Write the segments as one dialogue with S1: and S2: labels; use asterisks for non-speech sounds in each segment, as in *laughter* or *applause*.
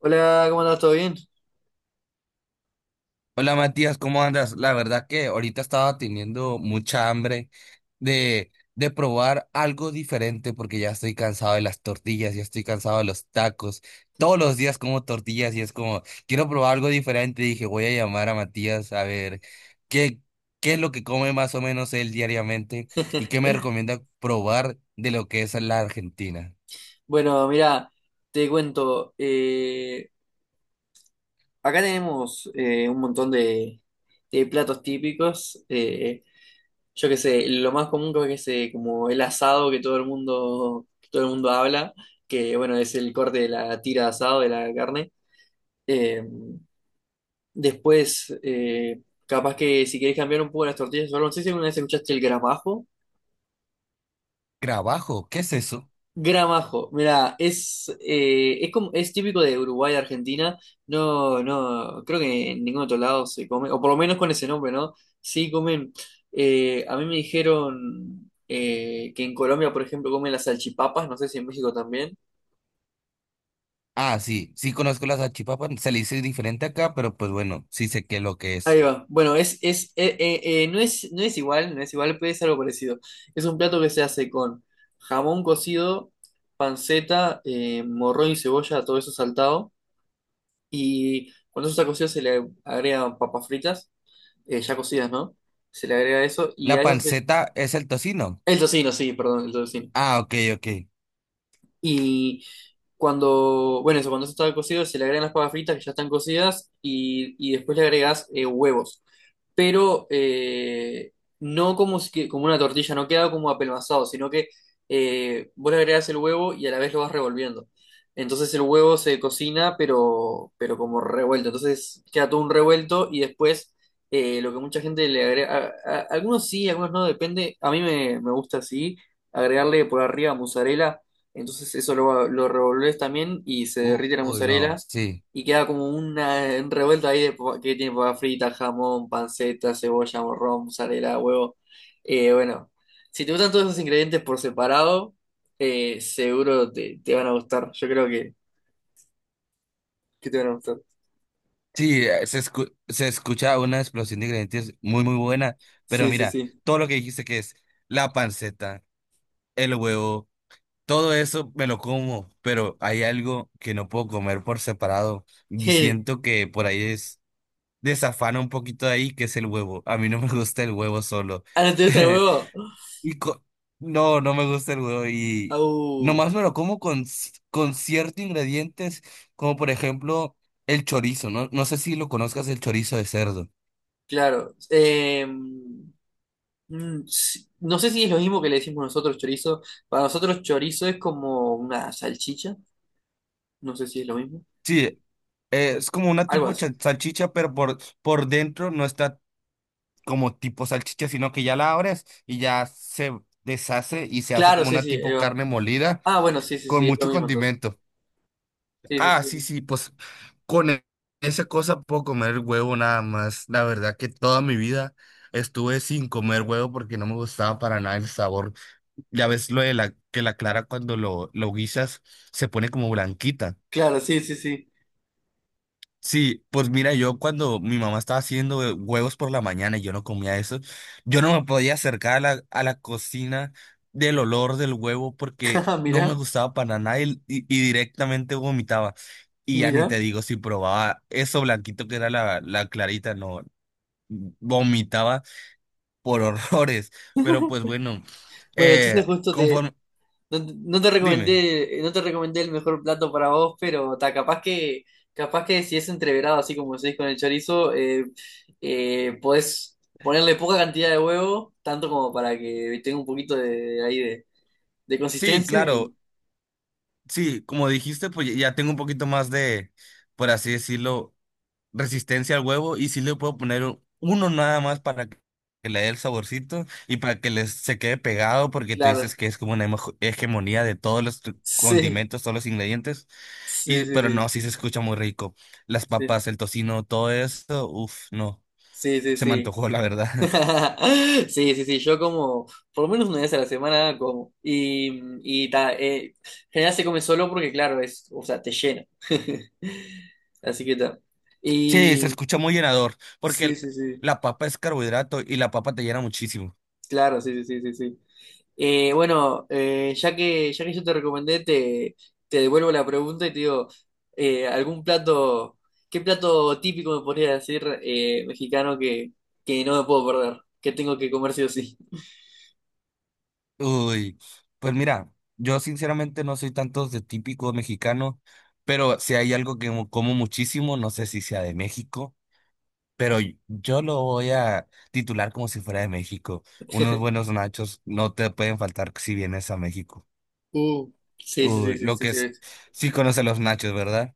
S1: Hola, ¿cómo andas? ¿Todo bien?
S2: Hola Matías, ¿cómo andas? La verdad que ahorita estaba teniendo mucha hambre de probar algo diferente porque ya estoy cansado de las tortillas, ya estoy cansado de los tacos. Todos los días como tortillas y es como, quiero probar algo diferente. Dije, voy a llamar a Matías a ver qué, qué es lo que come más o menos él diariamente y qué me
S1: *laughs*
S2: recomienda probar de lo que es la Argentina.
S1: Bueno, mira, te cuento, acá tenemos un montón de platos típicos, yo qué sé, lo más común creo que es como el asado que todo el mundo, que todo el mundo habla, que bueno, es el corte de la tira de asado de la carne. Eh, después, capaz que si querés cambiar un poco las tortillas, o algo, no sé si alguna vez escuchaste el gramajo.
S2: Trabajo, ¿qué es eso?
S1: Gramajo, mira, es como, es típico de Uruguay, Argentina. No, no, creo que en ningún otro lado se come, o por lo menos con ese nombre, ¿no? Sí comen. A mí me dijeron que en Colombia, por ejemplo, comen las salchipapas, no sé si en México también.
S2: Ah, sí, sí conozco las achipapas, se le dice diferente acá, pero pues bueno, sí sé qué es lo que es.
S1: Ahí va. Bueno, no es, no es igual, no es igual, pero es algo parecido. Es un plato que se hace con jamón cocido, panceta, morrón y cebolla, todo eso saltado. Y cuando eso está cocido se le agregan papas fritas, ya cocidas, ¿no? Se le agrega eso y a
S2: La
S1: eso se...
S2: panceta es el tocino.
S1: El tocino, sí, perdón, el tocino.
S2: Ah, ok, ok.
S1: Y cuando, bueno, eso, cuando eso está cocido se le agregan las papas fritas que ya están cocidas y después le agregas huevos. pero eh, no como, si que- como una tortilla, no queda como apelmazado, sino que vos le agregás el huevo y a la vez lo vas revolviendo. Entonces el huevo se cocina, pero como revuelto. Entonces queda todo un revuelto y después lo que mucha gente le agrega, algunos sí, algunos no, depende. A mí me, me gusta así, agregarle por arriba mozzarella. Entonces eso lo revolvés también y se derrite la
S2: Uy, no,
S1: mozzarella
S2: sí.
S1: y queda como una un revuelto ahí de que tiene papa frita, jamón, panceta, cebolla, morrón, mozzarella, huevo. Bueno, si te gustan todos esos ingredientes por separado, seguro te, te van a gustar. Yo creo que te van a gustar.
S2: Sí, se escucha una explosión de ingredientes muy, muy buena. Pero
S1: Sí, sí,
S2: mira,
S1: sí.
S2: todo lo que dijiste que es la panceta, el huevo, todo eso me lo como. Pero hay algo que no puedo comer por separado. Y
S1: *laughs*
S2: siento que por ahí es desafana un poquito de ahí, que es el huevo. A mí no me gusta el huevo solo.
S1: ¿Ah, no te gusta el
S2: *laughs*
S1: huevo?
S2: Y co- no, no me gusta el huevo. Y
S1: Au,
S2: nomás me lo como con, con ciertos ingredientes, como por ejemplo el chorizo, ¿no? No sé si lo conozcas, el chorizo de cerdo.
S1: claro. Mm, sí. No sé si es lo mismo que le decimos nosotros chorizo. Para nosotros chorizo es como una salchicha. No sé si es lo mismo.
S2: Sí, es como una
S1: Algo
S2: tipo
S1: así.
S2: salchicha, pero por dentro no está como tipo salchicha, sino que ya la abres y ya se deshace y se hace
S1: Claro,
S2: como
S1: sí,
S2: una
S1: sí.
S2: tipo carne molida
S1: Ah, bueno, sí, sí,
S2: con
S1: sí, es lo
S2: mucho
S1: mismo entonces.
S2: condimento.
S1: Sí, sí,
S2: Ah, sí,
S1: sí.
S2: sí, pues con e- esa cosa puedo comer huevo nada más. La verdad que toda mi vida estuve sin comer huevo porque no me gustaba para nada el sabor. Ya ves lo de la que la clara cuando lo guisas se pone como blanquita.
S1: Claro, sí, sí, sí.
S2: Sí, pues mira, yo cuando mi mamá estaba haciendo huevos por la mañana y yo no comía eso, yo no me podía acercar a a la cocina del olor del huevo
S1: *laughs*
S2: porque
S1: Ah,
S2: no me
S1: mira,
S2: gustaba para nada y y- directamente vomitaba. Y ya ni te
S1: mira.
S2: digo si probaba eso blanquito que era la clarita, no, vomitaba por *laughs* horrores. Pero pues bueno,
S1: Bueno, entonces justo te,
S2: conforme,
S1: no, te no te
S2: dime,
S1: recomendé, no te recomendé el mejor plato para vos, pero ta, capaz que si es entreverado, así como decís con el chorizo, podés ponerle poca cantidad de huevo, tanto como para que tenga un poquito de ahí de
S2: sí,
S1: consistencia
S2: claro,
S1: y
S2: sí, como dijiste, pues ya tengo un poquito más de, por así decirlo, resistencia al huevo y sí le puedo poner uno nada más para que le dé el saborcito y para que les se quede pegado porque tú
S1: claro.
S2: dices que es como una hegemonía de todos los
S1: Sí,
S2: condimentos, todos los ingredientes.
S1: sí,
S2: Y
S1: sí,
S2: pero no,
S1: sí.
S2: sí se escucha muy rico. Las
S1: Sí,
S2: papas, el tocino, todo eso, uff, no,
S1: sí, sí,
S2: se me
S1: sí.
S2: antojó la verdad. *laughs*
S1: *laughs* Sí, sí, sí, yo como por lo menos una vez a la semana como y ta, general se come solo porque claro, es, o sea, te llena. *laughs* Así que tal.
S2: Sí, se
S1: Y
S2: escucha muy llenador porque
S1: sí, sí, sí,
S2: la papa es carbohidrato y la papa te llena muchísimo.
S1: claro, sí, sí, sí, sí, sí. Bueno, ya que yo te recomendé, te devuelvo la pregunta y te digo, ¿algún plato, qué plato típico me podría decir mexicano que no me puedo perder, que tengo que comer sí o sí?
S2: Uy, pues mira, yo sinceramente no soy tanto de típico mexicano, pero si hay algo que como muchísimo, no sé si sea de México, pero yo lo voy a titular como si fuera de México. Unos
S1: *laughs*
S2: buenos nachos no te pueden faltar si vienes a México.
S1: Uh, sí, sí, sí,
S2: Uy,
S1: sí,
S2: lo
S1: sí,
S2: que es,
S1: sí.
S2: sí conoce los nachos, ¿verdad?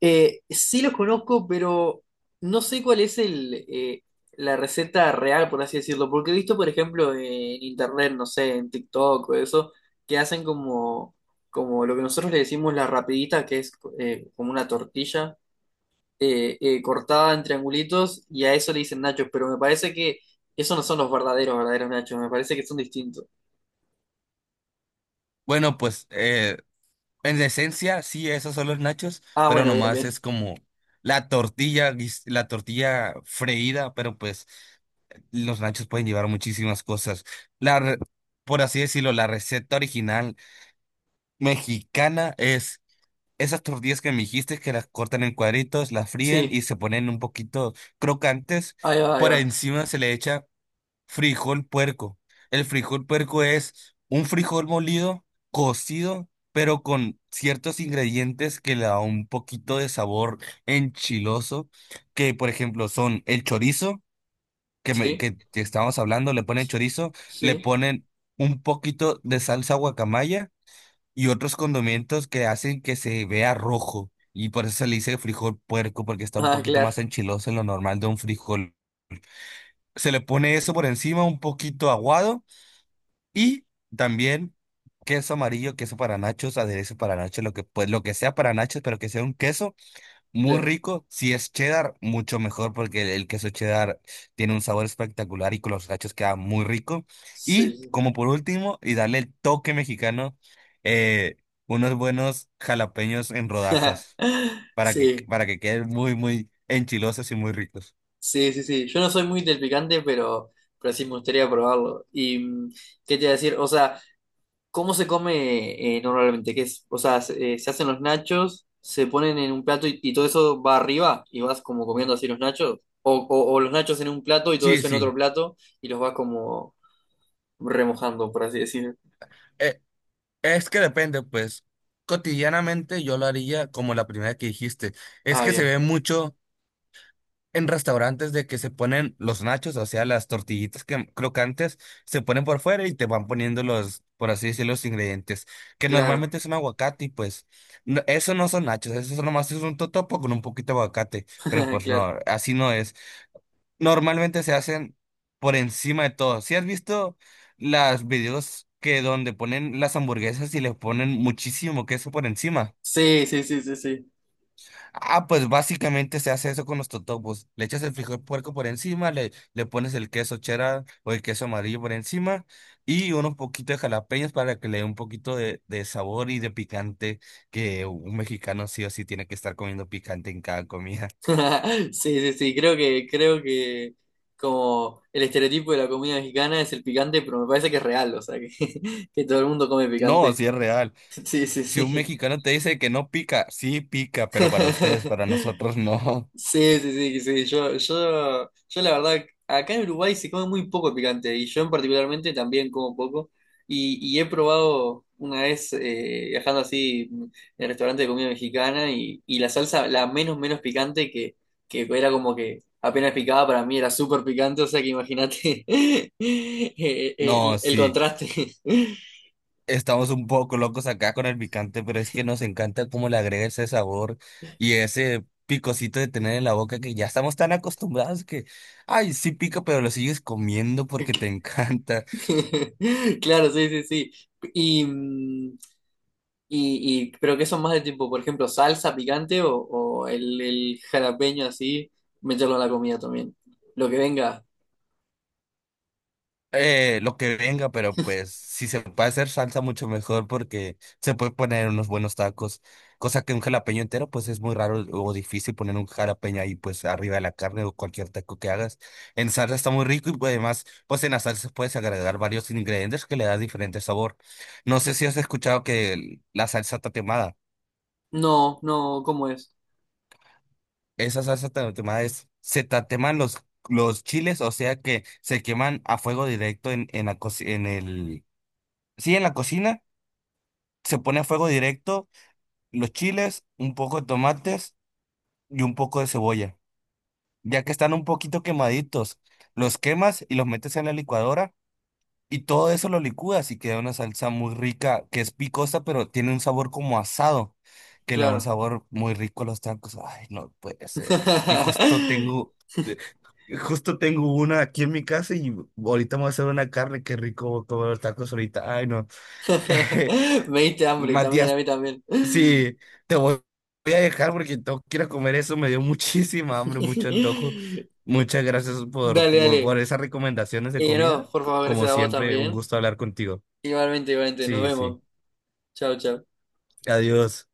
S1: Sí los conozco, pero no sé cuál es el, la receta real, por así decirlo, porque he visto, por ejemplo, en internet, no sé, en TikTok o eso, que hacen como, como lo que nosotros le decimos la rapidita, que es como una tortilla cortada en triangulitos, y a eso le dicen nachos, pero me parece que esos no son los verdaderos, verdaderos nachos, me parece que son distintos.
S2: Bueno, pues en esencia sí, esos son los nachos,
S1: Ah,
S2: pero
S1: bueno, bien,
S2: nomás
S1: bien.
S2: es como la tortilla, la tortilla freída, pero pues los nachos pueden llevar muchísimas cosas. La, re- por así decirlo, la receta original mexicana es esas tortillas que me dijiste que las cortan en cuadritos, las fríen y
S1: Sí,
S2: se ponen un poquito crocantes.
S1: ahí va, ahí
S2: Por
S1: va.
S2: encima se le echa frijol puerco. El frijol puerco es un frijol molido, cocido, pero con ciertos ingredientes que le da un poquito de sabor enchiloso, que por ejemplo son el chorizo
S1: Sí,
S2: que estábamos hablando, le ponen chorizo, le
S1: sí.
S2: ponen un poquito de salsa guacamaya y otros condimentos que hacen que se vea rojo. Y por eso se le dice frijol puerco, porque está un
S1: Ah,
S2: poquito
S1: claro.
S2: más enchiloso en lo normal de un frijol. Se le pone eso por encima, un poquito aguado, y también queso amarillo, queso para nachos, aderezo para nachos, lo que, pues, lo que sea para nachos, pero que sea un queso. Muy
S1: Claro,
S2: rico, si es cheddar, mucho mejor porque el queso cheddar tiene un sabor espectacular y con los gachos queda muy rico. Y
S1: sí.
S2: como por último, y darle el toque mexicano, eh, unos buenos jalapeños en rodajas
S1: *laughs*
S2: para
S1: Sí,
S2: para que queden muy, muy enchilosos y muy ricos.
S1: sí, sí, sí. Yo no soy muy del picante, pero sí me gustaría probarlo. ¿Y qué te iba a decir? O sea, ¿cómo se come normalmente? ¿Qué es? O sea, se, se hacen los nachos, se ponen en un plato y todo eso va arriba y vas como comiendo así los nachos. O los nachos en un plato y todo
S2: Sí,
S1: eso en
S2: sí,
S1: otro plato y los vas como remojando, por así decirlo.
S2: eh, es que depende, pues cotidianamente yo lo haría como la primera que dijiste. Es
S1: Ah,
S2: que se
S1: bien.
S2: ve mucho en restaurantes de que se ponen los nachos, o sea, las tortillitas que, crocantes, se ponen por fuera y te van poniendo los, por así decirlo, los ingredientes, que
S1: Claro,
S2: normalmente es un aguacate y pues eso no son nachos, eso nomás es un totopo con un poquito de aguacate, pero
S1: *laughs*
S2: pues
S1: claro.
S2: no, así no es. Normalmente se hacen por encima de todo. ¿Si has visto las videos que donde ponen las hamburguesas y le ponen muchísimo queso por encima?
S1: Sí, sí, sí, sí, sí.
S2: Ah, pues básicamente se hace eso con los totopos. Le echas el frijol puerco por encima, le pones el queso cheddar o el queso amarillo por encima y unos poquitos de jalapeños para que le dé un poquito de sabor y de picante, que un mexicano sí o sí tiene que estar comiendo picante en cada comida. *laughs*
S1: *laughs* Sí, sí, sí, creo que como el estereotipo de la comida mexicana es el picante, pero me parece que es real, o sea, que, *laughs* que todo el mundo come
S2: No,
S1: picante.
S2: sí
S1: *laughs*
S2: es real.
S1: Sí, sí,
S2: Si un
S1: sí.
S2: mexicano te dice que no pica, sí pica, pero para ustedes, para
S1: *laughs*
S2: nosotros *laughs* no.
S1: Sí, sí, sí, sí. Yo la verdad, acá en Uruguay se come muy poco picante y yo en particularmente también como poco. Y he probado una vez viajando así en el restaurante de comida mexicana y la salsa, la menos, menos picante que era como que apenas picaba para mí era súper picante, o sea que imagínate *laughs*
S2: No,
S1: el
S2: sí.
S1: contraste.
S2: Estamos un poco locos acá con el picante, pero es que nos encanta cómo le agrega ese sabor y ese picocito de tener en la boca que ya estamos tan acostumbrados que, ay, sí pica, pero lo sigues comiendo porque te *laughs*
S1: *laughs*
S2: encanta.
S1: Claro, sí, sí, sí. Y, y, pero que son más de tipo, por ejemplo, salsa picante o el jalapeño así, meterlo a la comida también. Lo que venga.
S2: Lo que venga, pero pues si se puede hacer salsa mucho mejor porque se puede poner unos buenos tacos, cosa que un jalapeño entero pues es muy raro o difícil poner un jalapeño ahí pues arriba de la carne o cualquier taco que hagas. En salsa está muy rico y pues, además pues en la salsa puedes agregar varios ingredientes que le da diferente sabor. No sé si has escuchado que la salsa tatemada,
S1: No, no, ¿cómo es?
S2: esa salsa tatemada es, se tateman los chiles, o sea que se queman a fuego directo en la, en el... Sí, en la cocina. Se pone a fuego directo los chiles, un poco de tomates y un poco de cebolla. Ya que están un poquito quemaditos, los quemas y los metes en la licuadora y todo eso lo licúas y queda una salsa muy rica que es picosa, pero tiene un sabor como asado, que le da un
S1: Claro.
S2: sabor muy rico a los tacos. Ay, no puede ser. Y
S1: *laughs*
S2: eh, justo tengo una aquí en mi casa y ahorita me voy a hacer una carne. Qué rico comer los tacos ahorita. Ay, no. *laughs*
S1: Me diste hambre también, a
S2: Matías.
S1: mí también. *laughs*
S2: Sí, te voy voy a dejar porque tengo que ir a comer eso. Me dio *laughs* muchísima hambre, mucho antojo. Muchas gracias
S1: Dale, dale.
S2: por esas recomendaciones de
S1: Y no,
S2: comida.
S1: por favor,
S2: Como
S1: gracias a vos
S2: siempre, un
S1: también.
S2: gusto hablar contigo.
S1: Igualmente, igualmente, nos
S2: Sí, sí.
S1: vemos. Chao, chao.
S2: Adiós.